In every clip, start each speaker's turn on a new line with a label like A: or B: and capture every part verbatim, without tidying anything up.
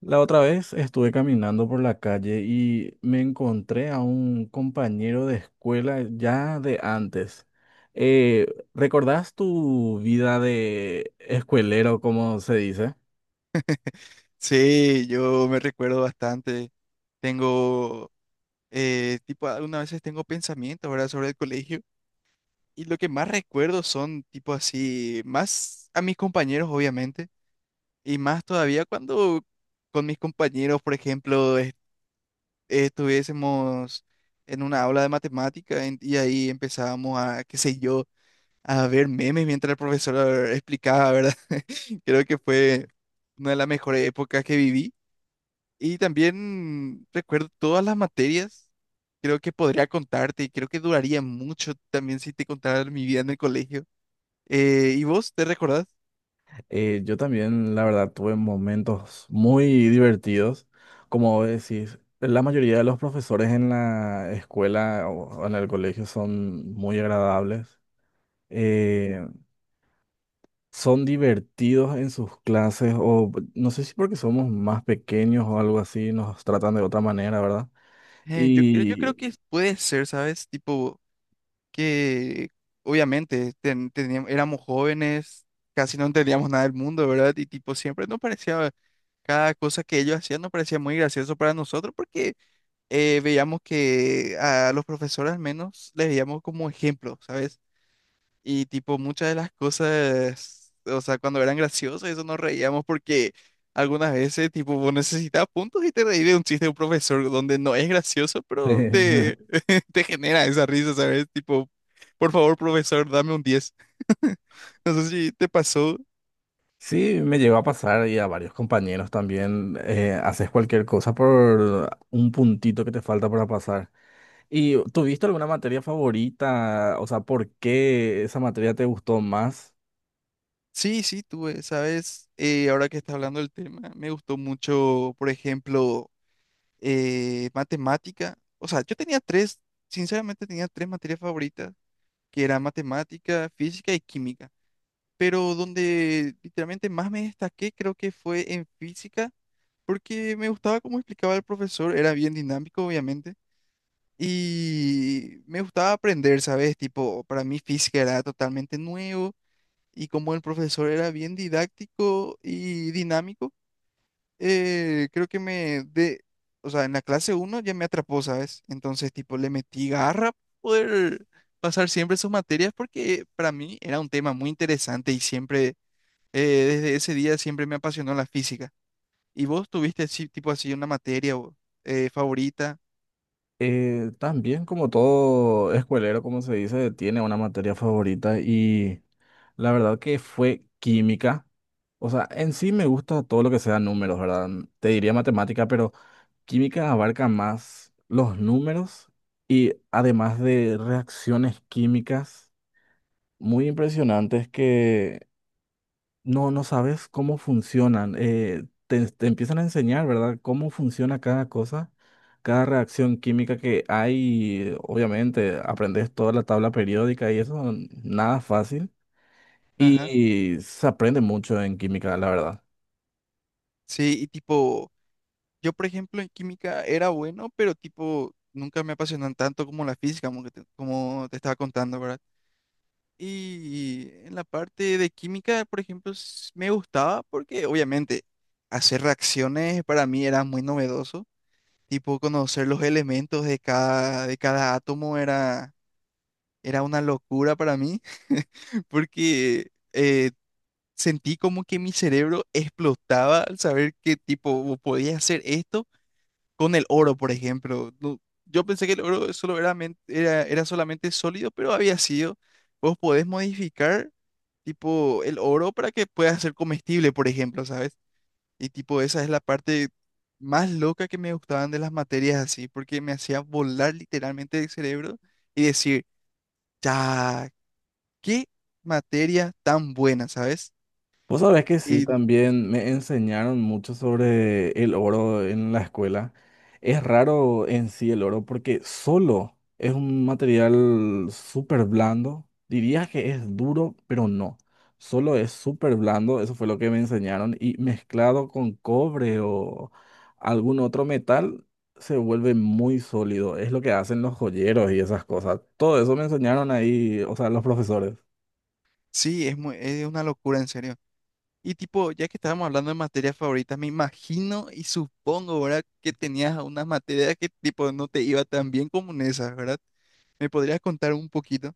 A: La otra vez estuve caminando por la calle y me encontré a un compañero de escuela ya de antes. Eh, ¿Recordás tu vida de escuelero, como se dice?
B: Sí, yo me recuerdo bastante. Tengo, eh, Tipo, algunas veces tengo pensamientos, ¿verdad? Sobre el colegio. Y lo que más recuerdo son, tipo, así, más a mis compañeros, obviamente. Y más todavía cuando con mis compañeros, por ejemplo, est- estuviésemos en una aula de matemática en- y ahí empezábamos a, qué sé yo, a ver memes mientras el profesor explicaba, ¿verdad? Creo que fue una de las mejores épocas que viví. Y también recuerdo todas las materias. Creo que podría contarte y creo que duraría mucho también si te contara mi vida en el colegio. Eh, ¿y vos te recordás?
A: Eh, yo también, la verdad, tuve momentos muy divertidos. Como vos decís, la mayoría de los profesores en la escuela o o en el colegio son muy agradables. Eh, Son divertidos en sus clases o no sé si porque somos más pequeños o algo así, nos tratan de otra manera, ¿verdad?
B: Eh, yo creo, yo creo
A: Y
B: que puede ser, ¿sabes? Tipo, que obviamente ten- teníamos- éramos jóvenes, casi no entendíamos nada del mundo, ¿verdad? Y tipo, siempre nos parecía, cada cosa que ellos hacían nos parecía muy gracioso para nosotros porque eh, veíamos que a los profesores al menos les veíamos como ejemplo, ¿sabes? Y tipo, muchas de las cosas, o sea, cuando eran graciosas, eso nos reíamos porque algunas veces, tipo, vos necesitabas puntos y te reí de un chiste de un profesor donde no es gracioso, pero te, te genera esa risa, ¿sabes? Tipo, por favor, profesor, dame un diez. No sé si te pasó.
A: sí, me llegó a pasar y a varios compañeros también, eh, haces cualquier cosa por un puntito que te falta para pasar. ¿Y tuviste alguna materia favorita? O sea, ¿por qué esa materia te gustó más?
B: Sí, sí, tuve, ¿sabes? Eh, ahora que está hablando del tema, me gustó mucho, por ejemplo, eh, matemática. O sea, yo tenía tres, sinceramente tenía tres materias favoritas, que era matemática, física y química. Pero donde literalmente más me destaqué creo que fue en física, porque me gustaba cómo explicaba el profesor, era bien dinámico, obviamente, y me gustaba aprender, ¿sabes? Tipo, para mí física era totalmente nuevo, y como el profesor era bien didáctico y dinámico, eh, creo que me de, o sea, en la clase uno ya me atrapó, ¿sabes? Entonces, tipo, le metí garra para poder pasar siempre sus materias porque para mí era un tema muy interesante y siempre, eh, desde ese día siempre me apasionó la física. ¿Y vos tuviste así, tipo así, una materia o, eh, favorita?
A: Eh, también como todo escuelero, como se dice, tiene una materia favorita y la verdad que fue química. O sea, en sí me gusta todo lo que sea números, ¿verdad? Te diría matemática, pero química abarca más los números y además de reacciones químicas muy impresionantes que no, no sabes cómo funcionan. Eh, te, te empiezan a enseñar, ¿verdad? Cómo funciona cada cosa, cada reacción química que hay. Obviamente, aprendes toda la tabla periódica y eso, nada fácil.
B: Ajá.
A: Y se aprende mucho en química, la verdad.
B: Sí, y tipo, yo por ejemplo en química era bueno, pero tipo, nunca me apasionan tanto como la física, como, que te- como te estaba contando, ¿verdad? Y en la parte de química, por ejemplo, s- me gustaba porque obviamente hacer reacciones para mí era muy novedoso. Tipo, conocer los elementos de cada, de cada, átomo era, era una locura para mí, porque eh, sentí como que mi cerebro explotaba al saber que tipo podía hacer esto con el oro, por ejemplo. No, yo pensé que el oro solo era, men- era, era solamente sólido, pero había sido, vos podés modificar tipo el oro para que pueda ser comestible, por ejemplo, ¿sabes? Y tipo esa es la parte más loca que me gustaban de las materias así, porque me hacía volar literalmente el cerebro y decir, ya, qué materia tan buena, ¿sabes?
A: Vos sabés que sí,
B: Y
A: también me enseñaron mucho sobre el oro en la escuela. Es raro en sí el oro porque solo es un material súper blando. Diría que es duro, pero no. Solo es súper blando, eso fue lo que me enseñaron. Y mezclado con cobre o algún otro metal, se vuelve muy sólido. Es lo que hacen los joyeros y esas cosas. Todo eso me enseñaron ahí, o sea, los profesores.
B: sí, es muy- es una locura, en serio. Y tipo, ya que estábamos hablando de materias favoritas, me imagino y supongo, ¿verdad? Que tenías unas materias que tipo no te iba tan bien como en esas, ¿verdad? ¿Me podrías contar un poquito?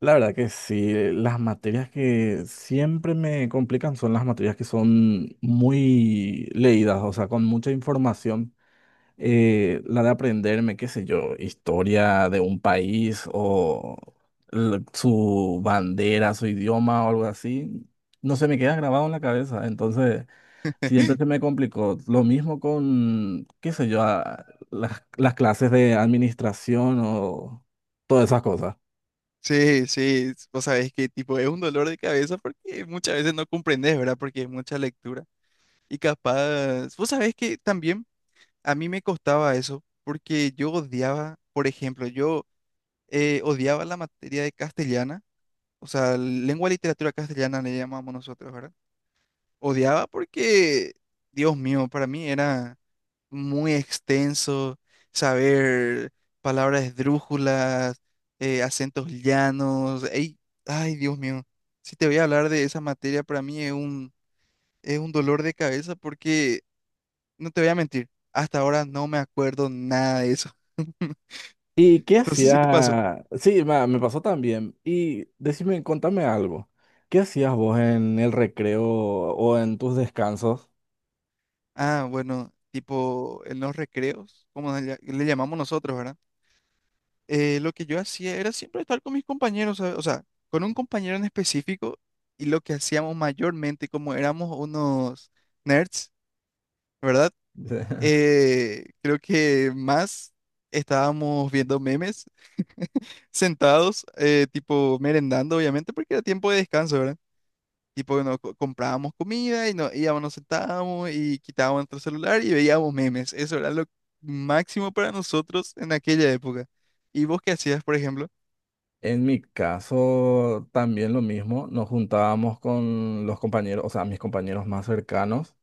A: La verdad que sí, eh, las materias que siempre me complican son las materias que son muy leídas, o sea, con mucha información. Eh, la de aprenderme, qué sé yo, historia de un país o l- su bandera, su idioma o algo así, no se me queda grabado en la cabeza. Entonces, siempre se me complicó. Lo mismo con, qué sé yo, a- las, las clases de administración o todas esas cosas.
B: Sí, sí, vos sabés que tipo es un dolor de cabeza porque muchas veces no comprendes, ¿verdad? Porque es mucha lectura. Y capaz, vos sabés que también a mí me costaba eso porque yo odiaba, por ejemplo, yo eh, odiaba la materia de castellana, o sea, lengua y literatura castellana le llamamos nosotros, ¿verdad? Odiaba porque, Dios mío, para mí era muy extenso, saber palabras esdrújulas, eh, acentos llanos. Ey, ay, Dios mío, si te voy a hablar de esa materia, para mí es un, es un dolor de cabeza porque, no te voy a mentir, hasta ahora no me acuerdo nada de eso.
A: ¿Y qué
B: No sé si te pasó. Mm.
A: hacía? Sí, ma- me pasó también. Y decime, contame algo. ¿Qué hacías vos en el recreo o en tus descansos?
B: Ah, bueno, tipo en los recreos, como le le llamamos nosotros, ¿verdad? Eh, lo que yo hacía era siempre estar con mis compañeros, ¿sabe? O sea, con un compañero en específico y lo que hacíamos mayormente, como éramos unos nerds, ¿verdad?
A: De-
B: Eh, creo que más estábamos viendo memes sentados, eh, tipo merendando, obviamente, porque era tiempo de descanso, ¿verdad? Tipo, nos co- comprábamos comida y nos íbamos, nos sentábamos y quitábamos nuestro celular y veíamos memes. Eso era lo máximo para nosotros en aquella época. ¿Y vos qué hacías, por ejemplo?
A: En mi caso, también lo mismo. Nos juntábamos con los compañeros, o sea, mis compañeros más cercanos.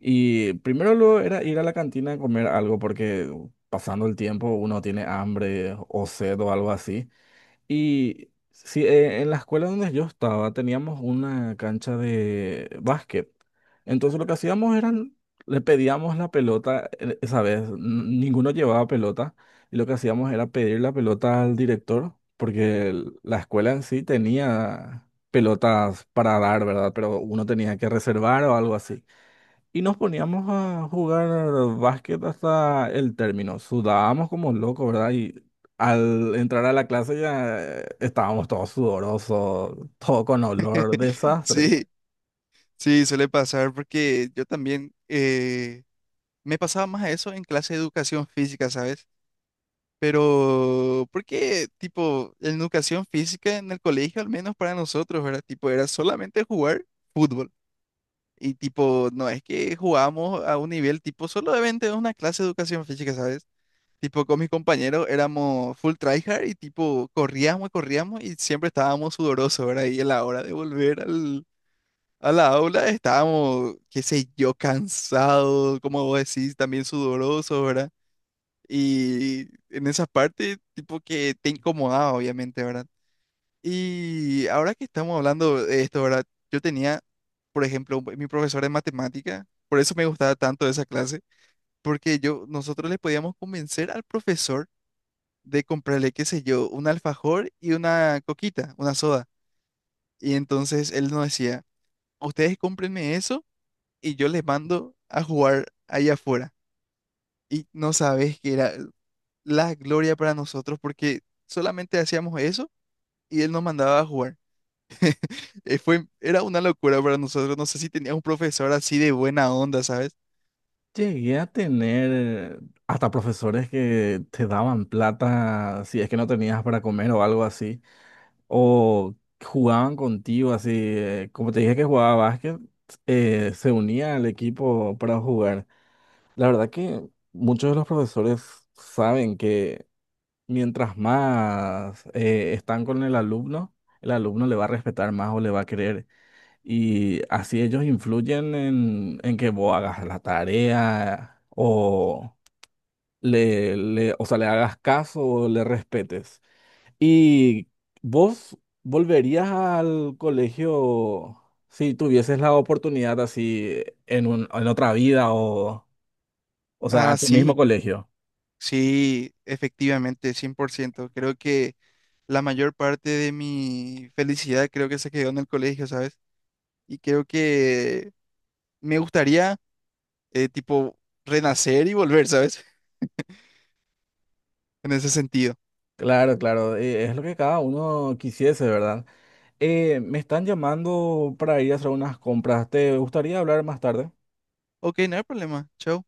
A: Y primero lo era ir a la cantina a comer algo porque uh, pasando el tiempo uno tiene hambre o sed o algo así. Y sí, eh, en la escuela donde yo estaba teníamos una cancha de básquet. Entonces lo que hacíamos era, le pedíamos la pelota, eh, esa vez n- ninguno llevaba pelota, y lo que hacíamos era pedir la pelota al director, porque el- la escuela en sí tenía pelotas para dar, ¿verdad? Pero uno tenía que reservar o algo así. Y nos poníamos a jugar básquet hasta el término. Sudábamos como locos, ¿verdad? Y al entrar a la clase ya eh, estábamos todos sudorosos, todo con olor, desastre.
B: Sí, sí, suele pasar porque yo también eh, me pasaba más a eso en clase de educación física, ¿sabes? Pero, porque, tipo, en educación física en el colegio, al menos para nosotros, ¿verdad? Tipo, era solamente jugar fútbol. Y, tipo, no es que jugábamos a un nivel, tipo, solamente una clase de educación física, ¿sabes? Tipo, con mis compañeros éramos full tryhard y, tipo, corríamos y corríamos y siempre estábamos sudorosos, ¿verdad? Y a la hora de volver al a la aula estábamos, qué sé yo, cansados, como vos decís, también sudorosos, ¿verdad? Y en esas partes, tipo que te incomodaba, obviamente, ¿verdad? Y ahora que estamos hablando de esto, ¿verdad? Yo tenía, por ejemplo, un- mi profesor de matemática, por eso me gustaba tanto esa clase, porque yo, nosotros le podíamos convencer al profesor de comprarle, qué sé yo, un alfajor y una coquita, una soda. Y entonces él nos decía, ustedes cómprenme eso y yo les mando a jugar allá afuera. Y no sabes que era la gloria para nosotros porque solamente hacíamos eso y él nos mandaba a jugar. Eh, fue, era una locura para nosotros. No sé si tenías un profesor así de buena onda, ¿sabes?
A: Llegué a tener eh, hasta profesores que te daban plata si es que no tenías para comer o algo así. O jugaban contigo así. eh, Como te dije que jugaba básquet, eh, se unía al equipo para jugar. La verdad que muchos de los profesores saben que mientras más eh, están con el alumno, el alumno le va a respetar más o le va a querer. Y así ellos influyen en, en que vos hagas la tarea o le, le- o sea, le hagas caso o le respetes. ¿Y vos volverías al colegio si tuvieses la oportunidad así en un, en otra vida o, o sea, a
B: Ah,
A: tu mismo
B: sí,
A: colegio?
B: sí, efectivamente, cien por ciento. Creo que la mayor parte de mi felicidad creo que se quedó en el colegio, ¿sabes? Y creo que me gustaría, eh, tipo, renacer y volver, ¿sabes? En ese sentido.
A: Claro, claro, eh, es lo que cada uno quisiese, ¿verdad? Eh, me están llamando para ir a hacer unas compras. ¿Te gustaría hablar más tarde?
B: Ok, no hay problema. Chao.